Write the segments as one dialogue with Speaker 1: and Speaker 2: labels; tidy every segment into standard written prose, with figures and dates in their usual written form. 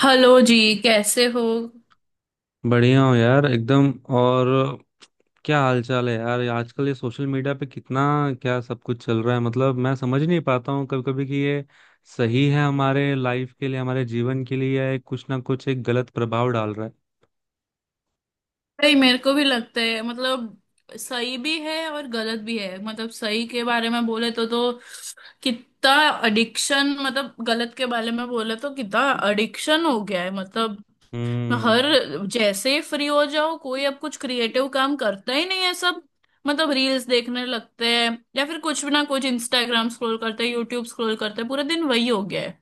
Speaker 1: Hello जी। कैसे हो?
Speaker 2: बढ़िया हूँ यार एकदम। और क्या हाल चाल है यार, ये आजकल ये सोशल मीडिया पे कितना क्या सब कुछ चल रहा है। मतलब मैं समझ नहीं पाता हूँ कभी कभी कि ये सही है हमारे लाइफ के लिए हमारे जीवन के लिए या ये कुछ ना कुछ एक गलत प्रभाव डाल रहा है।
Speaker 1: भाई, मेरे को भी लगता है सही भी है और गलत भी है। मतलब सही के बारे में बोले तो कितना एडिक्शन, मतलब गलत के बारे में बोले तो कितना एडिक्शन हो गया है। मतलब हर
Speaker 2: हम्म।
Speaker 1: जैसे ही फ्री हो जाओ, कोई अब कुछ क्रिएटिव काम करता ही नहीं है। सब रील्स देखने लगते हैं या फिर कुछ भी ना कुछ इंस्टाग्राम स्क्रॉल करते हैं, यूट्यूब स्क्रॉल करते हैं। पूरा दिन वही हो गया है।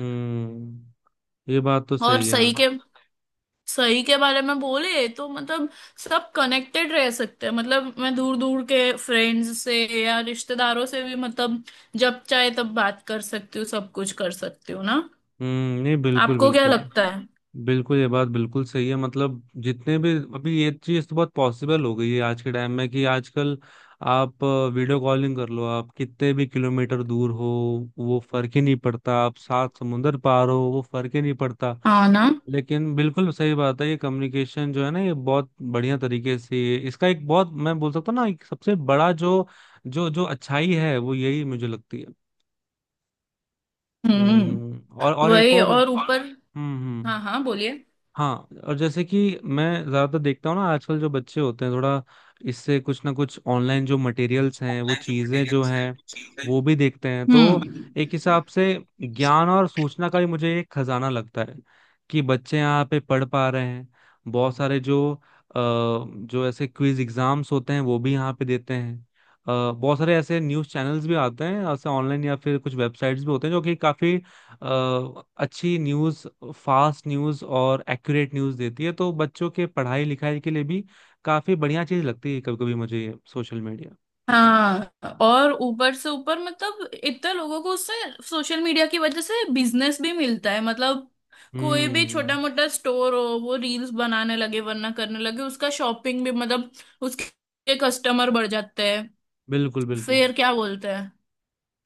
Speaker 2: हम्म, ये बात तो
Speaker 1: और
Speaker 2: सही है।
Speaker 1: सही के, सही के बारे में बोले तो मतलब सब कनेक्टेड रह सकते हैं। मतलब मैं दूर दूर के फ्रेंड्स से या रिश्तेदारों से भी, मतलब जब चाहे तब बात कर सकती हूँ, सब कुछ कर सकती हूँ ना।
Speaker 2: हम्म, नहीं बिल्कुल
Speaker 1: आपको क्या
Speaker 2: बिल्कुल।
Speaker 1: लगता है?
Speaker 2: बिल्कुल ये बात बिल्कुल सही है मतलब जितने भी अभी ये चीज तो बहुत पॉसिबल हो गई है आज के टाइम में कि आजकल आप वीडियो कॉलिंग कर लो आप कितने भी किलोमीटर दूर हो। वो फर्क ही नहीं पड़ता, आप सात समुंदर पार हो, वो फर्क ही नहीं पड़ता।
Speaker 1: हाँ ना।
Speaker 2: लेकिन बिल्कुल सही बात है, ये कम्युनिकेशन जो है ना ये बहुत बढ़िया तरीके से इसका एक बहुत मैं बोल सकता हूँ ना एक सबसे बड़ा जो जो जो अच्छाई है वो यही मुझे लगती है।
Speaker 1: हम्म।
Speaker 2: हम्म। और एक
Speaker 1: वही
Speaker 2: और।
Speaker 1: और ऊपर।
Speaker 2: हम्म। हम्म।
Speaker 1: हाँ हाँ, बोलिए।
Speaker 2: हाँ, और जैसे कि मैं ज्यादातर देखता हूँ ना आजकल जो बच्चे होते हैं थोड़ा इससे कुछ ना कुछ ऑनलाइन जो मटेरियल्स हैं वो चीजें जो हैं वो भी देखते हैं।
Speaker 1: हम्म।
Speaker 2: तो एक हिसाब से ज्ञान और सूचना का भी मुझे एक खजाना लगता है कि बच्चे यहाँ पे पढ़ पा रहे हैं। बहुत सारे जो जो ऐसे क्विज एग्जाम्स होते हैं वो भी यहाँ पे देते हैं। बहुत सारे ऐसे न्यूज़ चैनल्स भी आते हैं ऐसे ऑनलाइन या फिर कुछ वेबसाइट्स भी होते हैं जो कि काफी अच्छी न्यूज़, फास्ट न्यूज़ और एक्यूरेट न्यूज़ देती है। तो बच्चों के पढ़ाई लिखाई के लिए भी काफ़ी बढ़िया चीज़ लगती है कभी कभी मुझे ये सोशल मीडिया।
Speaker 1: हाँ, और ऊपर से ऊपर, मतलब इतने लोगों को उससे सोशल मीडिया की वजह से बिजनेस भी मिलता है। मतलब कोई भी छोटा
Speaker 2: हम्म,
Speaker 1: मोटा स्टोर हो, वो रील्स बनाने लगे वरना करने लगे उसका शॉपिंग भी, मतलब उसके कस्टमर बढ़ जाते हैं।
Speaker 2: बिल्कुल बिल्कुल।
Speaker 1: फिर क्या बोलते हैं?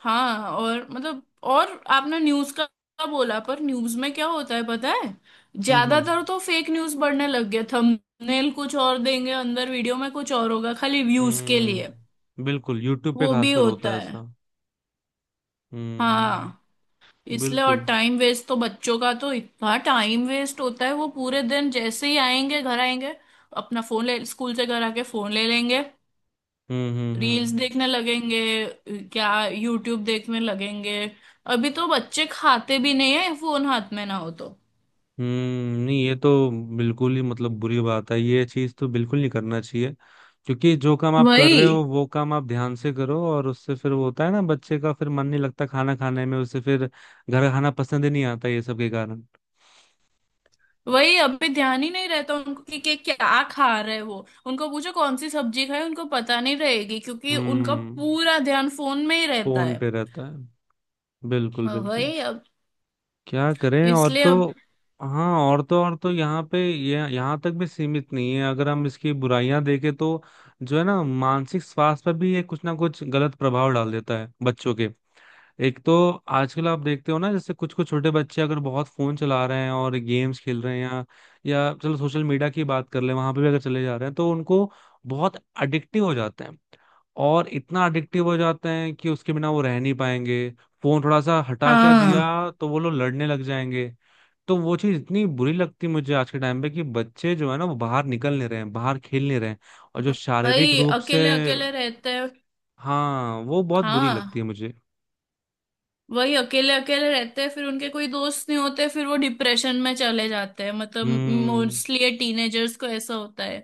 Speaker 1: हाँ, और मतलब और आपने न्यूज़ का बोला, पर न्यूज़ में क्या होता है पता है?
Speaker 2: हम्म। हम्म।
Speaker 1: ज्यादातर तो फेक न्यूज़ बढ़ने लग गया। थंबनेल कुछ और देंगे, अंदर वीडियो में कुछ और होगा, खाली व्यूज के लिए।
Speaker 2: हम्म, बिल्कुल, यूट्यूब पे
Speaker 1: वो भी
Speaker 2: खासकर होता
Speaker 1: होता
Speaker 2: है
Speaker 1: है।
Speaker 2: ऐसा।
Speaker 1: हाँ,
Speaker 2: हम्म।
Speaker 1: इसलिए। और
Speaker 2: बिल्कुल।
Speaker 1: टाइम वेस्ट तो बच्चों का तो इतना टाइम वेस्ट होता है। वो पूरे दिन जैसे ही आएंगे, घर आएंगे, अपना फोन ले, स्कूल से घर आके फोन ले लेंगे।
Speaker 2: हम्म। हम्म।
Speaker 1: रील्स
Speaker 2: हम्म।
Speaker 1: देखने लगेंगे, क्या यूट्यूब देखने लगेंगे। अभी तो बच्चे खाते भी नहीं है फोन हाथ में ना हो तो।
Speaker 2: हम्म, नहीं ये तो बिल्कुल ही मतलब बुरी बात है, ये चीज तो बिल्कुल नहीं करना चाहिए। क्योंकि जो काम आप कर
Speaker 1: वही,
Speaker 2: रहे हो वो काम आप ध्यान से करो और उससे फिर वो होता है ना बच्चे का फिर मन नहीं लगता खाना खाने में, उससे फिर घर का खाना पसंद ही नहीं आता ये सब के कारण।
Speaker 1: वही। अभी ध्यान ही नहीं रहता उनको कि क्या खा रहे हैं। वो उनको पूछो कौन सी सब्जी खाए, उनको पता नहीं रहेगी, क्योंकि उनका
Speaker 2: हम्म।
Speaker 1: पूरा ध्यान फोन में ही रहता
Speaker 2: फोन
Speaker 1: है।
Speaker 2: पे रहता है, बिल्कुल बिल्कुल।
Speaker 1: वही अब।
Speaker 2: क्या करें। और
Speaker 1: इसलिए।
Speaker 2: तो हाँ, और तो यहाँ पे ये यहाँ तक भी सीमित नहीं है अगर हम इसकी बुराइयां देखें तो जो है ना मानसिक स्वास्थ्य पर भी ये कुछ ना कुछ गलत प्रभाव डाल देता है बच्चों के। एक तो आजकल आप देखते हो ना जैसे कुछ कुछ छोटे बच्चे अगर बहुत फोन चला रहे हैं और गेम्स खेल रहे हैं, या चलो सोशल मीडिया की बात कर ले, वहां पे भी अगर चले जा रहे हैं तो उनको बहुत अडिक्टिव हो जाते हैं। और इतना अडिक्टिव हो जाते हैं कि उसके बिना वो रह नहीं पाएंगे। फोन थोड़ा सा हटा क्या
Speaker 1: हाँ,
Speaker 2: दिया तो वो लोग लड़ने लग जाएंगे। तो वो चीज इतनी बुरी लगती है मुझे आज के टाइम पे कि बच्चे जो है ना वो बाहर निकल नहीं रहे हैं बाहर खेल नहीं रहे हैं। और जो शारीरिक
Speaker 1: वही
Speaker 2: रूप से
Speaker 1: अकेले अकेले रहते हैं।
Speaker 2: हाँ, वो बहुत बुरी लगती
Speaker 1: हाँ,
Speaker 2: है मुझे।
Speaker 1: वही अकेले अकेले रहते हैं, फिर उनके कोई दोस्त नहीं होते, फिर वो डिप्रेशन में चले जाते हैं, मतलब
Speaker 2: हम्म।
Speaker 1: मोस्टली टीनेजर्स को ऐसा होता है।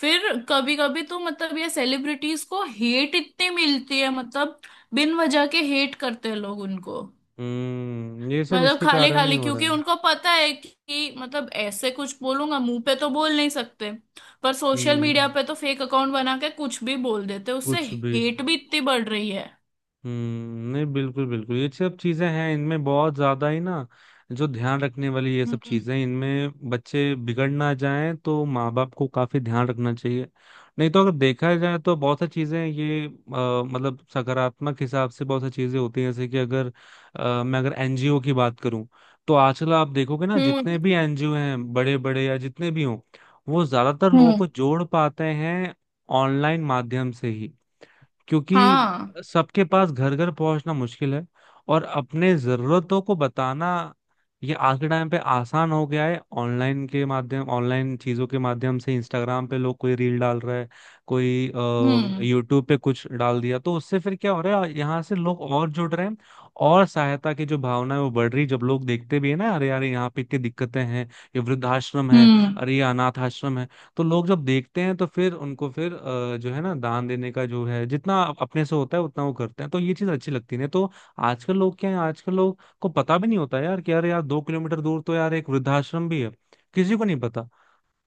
Speaker 1: फिर कभी कभी तो मतलब ये सेलिब्रिटीज को हेट इतनी मिलती है, मतलब बिन वजह के हेट करते हैं लोग उनको,
Speaker 2: हम्म, ये सब
Speaker 1: मतलब
Speaker 2: इसके
Speaker 1: खाली
Speaker 2: कारण ही
Speaker 1: खाली,
Speaker 2: हो रहा
Speaker 1: क्योंकि
Speaker 2: है।
Speaker 1: उनको पता है कि मतलब ऐसे कुछ बोलूंगा मुंह पे तो बोल नहीं सकते, पर सोशल मीडिया
Speaker 2: हम्म,
Speaker 1: पे तो फेक अकाउंट बना के कुछ भी बोल देते उससे।
Speaker 2: कुछ भी।
Speaker 1: हेट भी इतनी बढ़ रही है।
Speaker 2: हम्म, नहीं बिल्कुल बिल्कुल, ये सब चीजें हैं इनमें बहुत ज्यादा ही ना जो ध्यान रखने वाली ये सब
Speaker 1: हम्म
Speaker 2: चीजें इनमें बच्चे बिगड़ ना जाएं तो माँ बाप को काफी ध्यान रखना चाहिए। नहीं तो अगर देखा जाए तो बहुत सारी चीजें ये मतलब सकारात्मक हिसाब से बहुत सारी चीजें होती हैं जैसे कि अगर मैं अगर एनजीओ की बात करूं तो आजकल आप देखोगे ना जितने
Speaker 1: हम्म
Speaker 2: भी एनजीओ हैं बड़े बड़े या जितने भी हों वो ज्यादातर लोगों
Speaker 1: हम्म।
Speaker 2: को जोड़ पाते हैं ऑनलाइन माध्यम से ही, क्योंकि
Speaker 1: हाँ।
Speaker 2: सबके पास घर घर पहुंचना मुश्किल है। और अपने जरूरतों को बताना ये आज के टाइम पे आसान हो गया है, ऑनलाइन के माध्यम, ऑनलाइन चीजों के माध्यम से इंस्टाग्राम पे लोग कोई रील डाल रहा है। कोई
Speaker 1: हम्म
Speaker 2: यूट्यूब पे कुछ डाल दिया तो उससे फिर क्या हो रहा है यहाँ से लोग और जुड़ रहे हैं। और सहायता की जो भावना है वो बढ़ रही है। जब लोग देखते भी है ना, अरे यार यहाँ पे इतनी दिक्कतें हैं, ये वृद्धाश्रम है,
Speaker 1: हम्म
Speaker 2: अरे ये अनाथ आश्रम है। तो लोग जब देखते हैं तो फिर उनको फिर जो है ना दान देने का जो है जितना अपने से होता है उतना वो करते हैं तो ये चीज अच्छी लगती है। नहीं तो आजकल लोग क्या है, आजकल लोग को पता भी नहीं होता यार, कि यार यार 2 किलोमीटर दूर तो यार एक वृद्धाश्रम भी है। किसी को नहीं पता।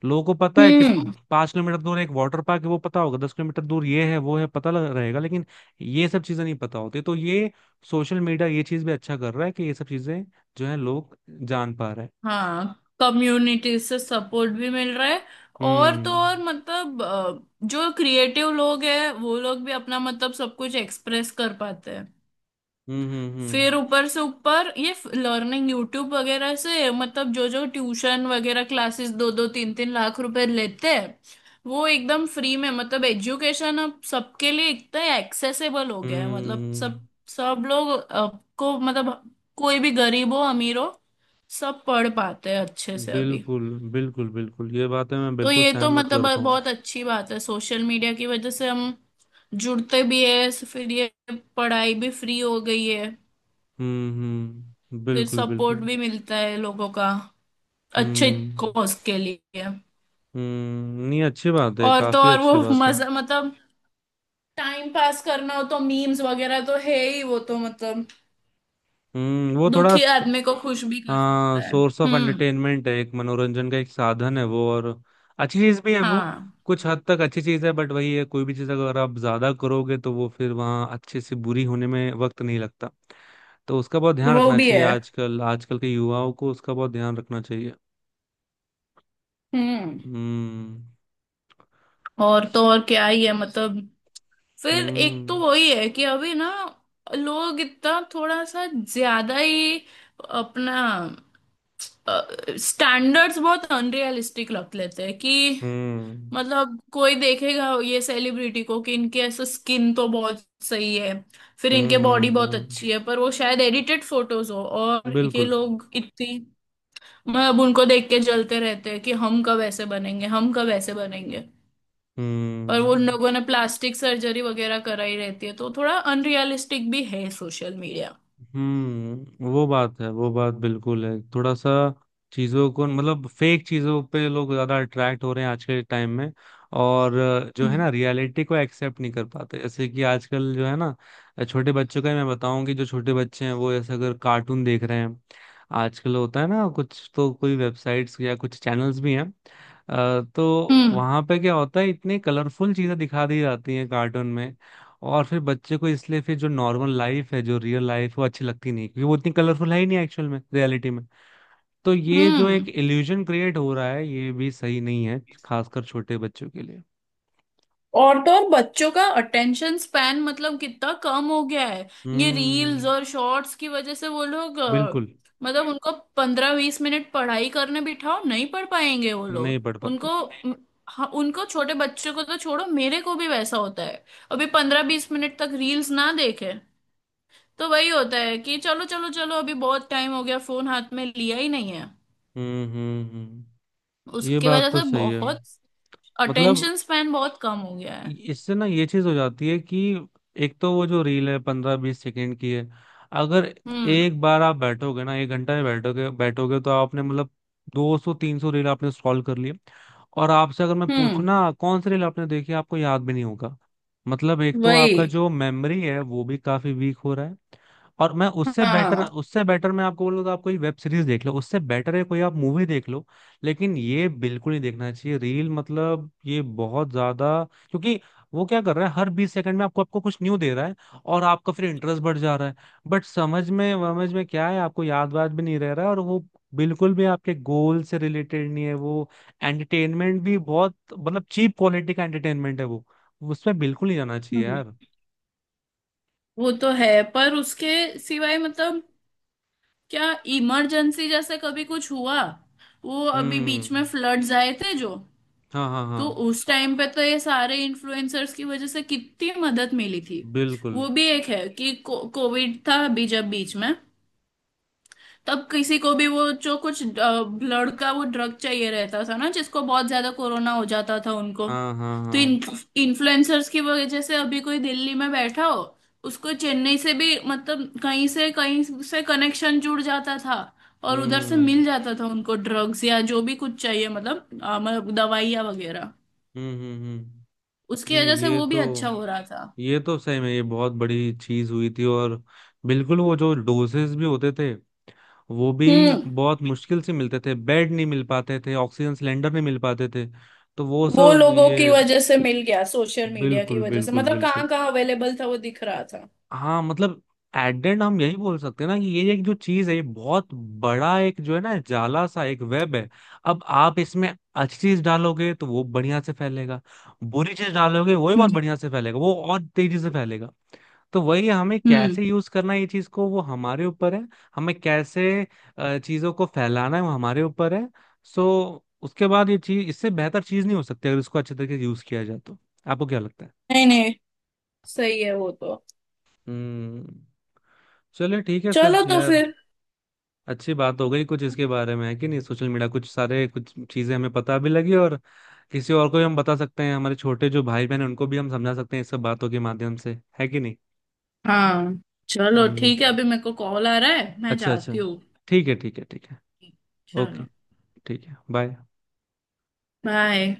Speaker 2: लोगों को पता है कि
Speaker 1: हम्म।
Speaker 2: 5 किलोमीटर दूर एक वाटर पार्क है वो पता होगा, 10 किलोमीटर दूर ये है वो है पता लग रहेगा, लेकिन ये सब चीजें नहीं पता होती। तो ये सोशल मीडिया ये चीज भी अच्छा कर रहा है कि ये सब चीजें जो है लोग जान पा रहे हैं।
Speaker 1: हाँ, कम्युनिटी से सपोर्ट भी मिल रहा है। और तो
Speaker 2: हम्म।
Speaker 1: और मतलब जो क्रिएटिव लोग हैं वो लोग भी अपना मतलब सब कुछ एक्सप्रेस कर पाते हैं।
Speaker 2: हम्म। हम्म। हम्म।
Speaker 1: फिर ऊपर से ऊपर ये लर्निंग यूट्यूब वगैरह से, मतलब जो जो ट्यूशन वगैरह क्लासेस 2-2 3-3 लाख रुपए लेते हैं, वो एकदम फ्री में। मतलब एजुकेशन अब सबके लिए इतना एक्सेसिबल हो गया है। मतलब सब,
Speaker 2: हम्म,
Speaker 1: सब लोग अब को मतलब कोई भी गरीब हो अमीर हो, सब पढ़ पाते हैं अच्छे से अभी।
Speaker 2: बिल्कुल बिल्कुल बिल्कुल, ये बातें मैं
Speaker 1: तो
Speaker 2: बिल्कुल
Speaker 1: ये तो
Speaker 2: सहमत करता
Speaker 1: मतलब
Speaker 2: हूँ।
Speaker 1: बहुत अच्छी बात है। सोशल मीडिया की वजह से हम जुड़ते भी है, फिर ये पढ़ाई भी फ्री हो गई है,
Speaker 2: हम्म। हम्म,
Speaker 1: फिर
Speaker 2: बिल्कुल
Speaker 1: सपोर्ट
Speaker 2: बिल्कुल।
Speaker 1: भी मिलता है लोगों का अच्छे
Speaker 2: हम्म।
Speaker 1: कॉज के लिए।
Speaker 2: हम्म, नहीं अच्छी बात है,
Speaker 1: और तो
Speaker 2: काफी
Speaker 1: और वो
Speaker 2: अच्छी बात है।
Speaker 1: मजा, मतलब टाइम पास करना हो तो मीम्स वगैरह तो है ही। वो तो मतलब
Speaker 2: हम्म, वो थोड़ा
Speaker 1: दुखी आदमी को खुश भी कर
Speaker 2: हाँ,
Speaker 1: सकता है।
Speaker 2: सोर्स ऑफ
Speaker 1: हम्म।
Speaker 2: एंटरटेनमेंट है, एक मनोरंजन का एक साधन है वो, और अच्छी चीज भी है वो।
Speaker 1: हाँ,
Speaker 2: कुछ हद तक अच्छी चीज है बट वही है, कोई भी चीज अगर आप ज्यादा करोगे तो वो फिर वहाँ अच्छे से बुरी होने में वक्त नहीं लगता। तो उसका बहुत ध्यान
Speaker 1: वो
Speaker 2: रखना
Speaker 1: भी
Speaker 2: चाहिए,
Speaker 1: है।
Speaker 2: आजकल आजकल के युवाओं को उसका बहुत ध्यान रखना चाहिए।
Speaker 1: हम्म।
Speaker 2: हम्म।
Speaker 1: और तो और क्या ही है मतलब। फिर एक तो
Speaker 2: हम्म।
Speaker 1: वही है कि अभी ना लोग इतना थोड़ा सा ज्यादा ही अपना स्टैंडर्ड्स बहुत अनरियलिस्टिक रख लेते हैं कि,
Speaker 2: हम्म।
Speaker 1: मतलब कोई देखेगा ये सेलिब्रिटी को कि इनके ऐसा स्किन तो बहुत सही है, फिर
Speaker 2: हम्म।
Speaker 1: इनके
Speaker 2: हम्म।
Speaker 1: बॉडी बहुत अच्छी है, पर वो शायद एडिटेड फोटोज हो और ये
Speaker 2: बिल्कुल।
Speaker 1: लोग इतनी मतलब उनको देख के जलते रहते हैं कि हम कब ऐसे बनेंगे, हम कब ऐसे बनेंगे। और वो उन
Speaker 2: हम्म।
Speaker 1: लोगों ने प्लास्टिक सर्जरी वगैरह कराई रहती है, तो थोड़ा अनरियलिस्टिक भी है सोशल मीडिया।
Speaker 2: हम्म, वो बात है वो बात बिल्कुल है, थोड़ा सा चीजों को मतलब फेक चीजों पे लोग ज्यादा अट्रैक्ट हो रहे हैं आज के टाइम में। और जो है
Speaker 1: हम्म
Speaker 2: ना रियलिटी को एक्सेप्ट नहीं कर पाते, जैसे कि आजकल जो है ना छोटे बच्चों का ही मैं बताऊं कि जो छोटे बच्चे हैं वो ऐसे अगर कार्टून देख रहे हैं। आजकल होता है ना, कुछ तो कोई वेबसाइट्स या कुछ चैनल्स भी हैं। तो
Speaker 1: हम्म
Speaker 2: वहां पे क्या होता है इतने कलरफुल चीजें दिखा दी जाती हैं कार्टून में। और फिर बच्चे को इसलिए फिर जो नॉर्मल लाइफ है, जो रियल लाइफ, वो अच्छी लगती नहीं क्योंकि वो इतनी कलरफुल है ही नहीं एक्चुअल में रियलिटी में। तो ये जो एक
Speaker 1: हम्म।
Speaker 2: इल्यूजन क्रिएट हो रहा है ये भी सही नहीं है खासकर छोटे बच्चों के लिए।
Speaker 1: और तो और बच्चों का अटेंशन स्पैन मतलब कितना कम हो गया है ये रील्स
Speaker 2: हम्म।
Speaker 1: और शॉर्ट्स की वजह से। वो लोग
Speaker 2: बिल्कुल,
Speaker 1: मतलब उनको 15-20 मिनट पढ़ाई करने बिठाओ, नहीं पढ़ पाएंगे वो
Speaker 2: नहीं
Speaker 1: लोग
Speaker 2: पढ़ पाते।
Speaker 1: उनको। म, हाँ, उनको छोटे बच्चों को तो छोड़ो, मेरे को भी वैसा होता है। अभी 15-20 मिनट तक रील्स ना देखे तो वही होता है कि चलो चलो चलो, अभी बहुत टाइम हो गया फोन हाथ में लिया ही नहीं है।
Speaker 2: हम्म। हम्म। हम्म। ये
Speaker 1: उसकी
Speaker 2: बात
Speaker 1: वजह
Speaker 2: तो
Speaker 1: से
Speaker 2: सही है।
Speaker 1: बहुत
Speaker 2: मतलब
Speaker 1: अटेंशन स्पैन बहुत कम हो गया है।
Speaker 2: इससे ना ये चीज हो जाती है कि एक तो वो जो रील है 15 20 सेकंड की है। अगर
Speaker 1: हम्म
Speaker 2: एक बार आप बैठोगे ना, 1 घंटा में बैठोगे बैठोगे तो आपने मतलब 200 300 रील आपने स्क्रॉल कर लिए। और आपसे अगर मैं पूछूं
Speaker 1: हम्म।
Speaker 2: ना कौन सी रील आपने देखी आपको याद भी नहीं होगा। मतलब एक तो आपका
Speaker 1: वही।
Speaker 2: जो मेमोरी है वो भी काफी वीक हो रहा है। और मैं उससे बेटर
Speaker 1: हाँ।
Speaker 2: उससे बेटर मैं आपको बोलूँ तो आप कोई वेब सीरीज देख लो, उससे बेटर है कोई आप मूवी देख लो। लेकिन ये बिल्कुल नहीं देखना चाहिए रील मतलब ये बहुत ज्यादा, क्योंकि वो क्या कर रहा है हर 20 सेकंड में आपको आपको कुछ न्यू दे रहा है। और आपका फिर इंटरेस्ट बढ़ जा रहा है। बट समझ में क्या है, आपको याद वाद भी नहीं रह रहा है और वो बिल्कुल भी आपके गोल से रिलेटेड नहीं है वो। एंटरटेनमेंट भी बहुत मतलब चीप क्वालिटी का एंटरटेनमेंट है वो। उसमें बिल्कुल नहीं जाना चाहिए
Speaker 1: हम्म,
Speaker 2: यार।
Speaker 1: वो तो है। पर उसके सिवाय, मतलब क्या, इमरजेंसी जैसे कभी कुछ हुआ, वो अभी
Speaker 2: हम्म।
Speaker 1: बीच में फ्लड्स आए थे जो,
Speaker 2: हाँ हाँ
Speaker 1: तो
Speaker 2: हाँ।
Speaker 1: उस टाइम पे तो ये सारे इन्फ्लुएंसर्स की वजह से कितनी मदद मिली थी।
Speaker 2: बिल्कुल।
Speaker 1: वो भी एक है कि कोविड था अभी जब बीच में, तब किसी को भी वो जो कुछ ब्लड का वो ड्रग चाहिए रहता था ना जिसको बहुत ज्यादा कोरोना हो जाता था उनको,
Speaker 2: हाँ हाँ
Speaker 1: तो
Speaker 2: हाँ।
Speaker 1: इन इन्फ्लुएंसर्स की वजह से अभी कोई दिल्ली में बैठा हो, उसको चेन्नई से भी मतलब कहीं से कनेक्शन जुड़ जाता था और उधर से
Speaker 2: हम्म।
Speaker 1: मिल जाता था उनको ड्रग्स या जो भी कुछ चाहिए, मतलब मतलब दवाइयाँ वगैरह।
Speaker 2: हम्म। हम्म। हम्म,
Speaker 1: उसकी
Speaker 2: नहीं
Speaker 1: वजह से
Speaker 2: ये
Speaker 1: वो भी
Speaker 2: तो
Speaker 1: अच्छा हो रहा था।
Speaker 2: ये तो सही में ये बहुत बड़ी चीज हुई थी और बिल्कुल वो जो डोजेस भी होते थे वो भी
Speaker 1: हम्म।
Speaker 2: बहुत मुश्किल से मिलते थे, बेड नहीं मिल पाते थे, ऑक्सीजन सिलेंडर नहीं मिल पाते थे। तो वो
Speaker 1: वो
Speaker 2: सब
Speaker 1: लोगों की
Speaker 2: ये,
Speaker 1: वजह से मिल गया सोशल मीडिया की
Speaker 2: बिल्कुल
Speaker 1: वजह से,
Speaker 2: बिल्कुल
Speaker 1: मतलब
Speaker 2: बिल्कुल।
Speaker 1: कहाँ कहाँ अवेलेबल था वो दिख रहा था।
Speaker 2: हाँ, मतलब एट हम यही बोल सकते हैं ना कि ये एक जो चीज है ये बहुत बड़ा एक जो है ना, जाला सा एक वेब है। अब आप इसमें अच्छी चीज डालोगे तो वो बढ़िया से फैलेगा, बुरी चीज डालोगे वो भी बहुत बढ़िया से फैलेगा, वो और तेजी से फैलेगा। तो वही है, हमें
Speaker 1: हम्म।
Speaker 2: कैसे यूज करना है ये चीज को वो हमारे ऊपर है। हमें कैसे चीजों को फैलाना है वो हमारे ऊपर है। सो उसके बाद ये चीज, इससे बेहतर चीज नहीं हो सकती अगर इसको अच्छे तरीके से यूज किया जाए तो। आपको क्या लगता है?
Speaker 1: नहीं नहीं, सही है वो तो।
Speaker 2: हम्म। चलिए ठीक है फिर
Speaker 1: चलो तो
Speaker 2: यार,
Speaker 1: फिर।
Speaker 2: अच्छी बात हो गई कुछ इसके बारे में, है कि नहीं। सोशल मीडिया कुछ सारे कुछ चीजें हमें पता भी लगी और किसी और को भी हम बता सकते हैं, हमारे छोटे जो भाई बहन हैं उनको भी हम समझा सकते हैं इस सब बातों के माध्यम से, है कि नहीं।
Speaker 1: हाँ, चलो
Speaker 2: हम्म।
Speaker 1: ठीक है, अभी मेरे को कॉल आ रहा है, मैं
Speaker 2: अच्छा अच्छा।
Speaker 1: जाती हूँ।
Speaker 2: ठीक है ठीक है ठीक है।
Speaker 1: चलो,
Speaker 2: ओके। ठीक है, बाय।
Speaker 1: बाय।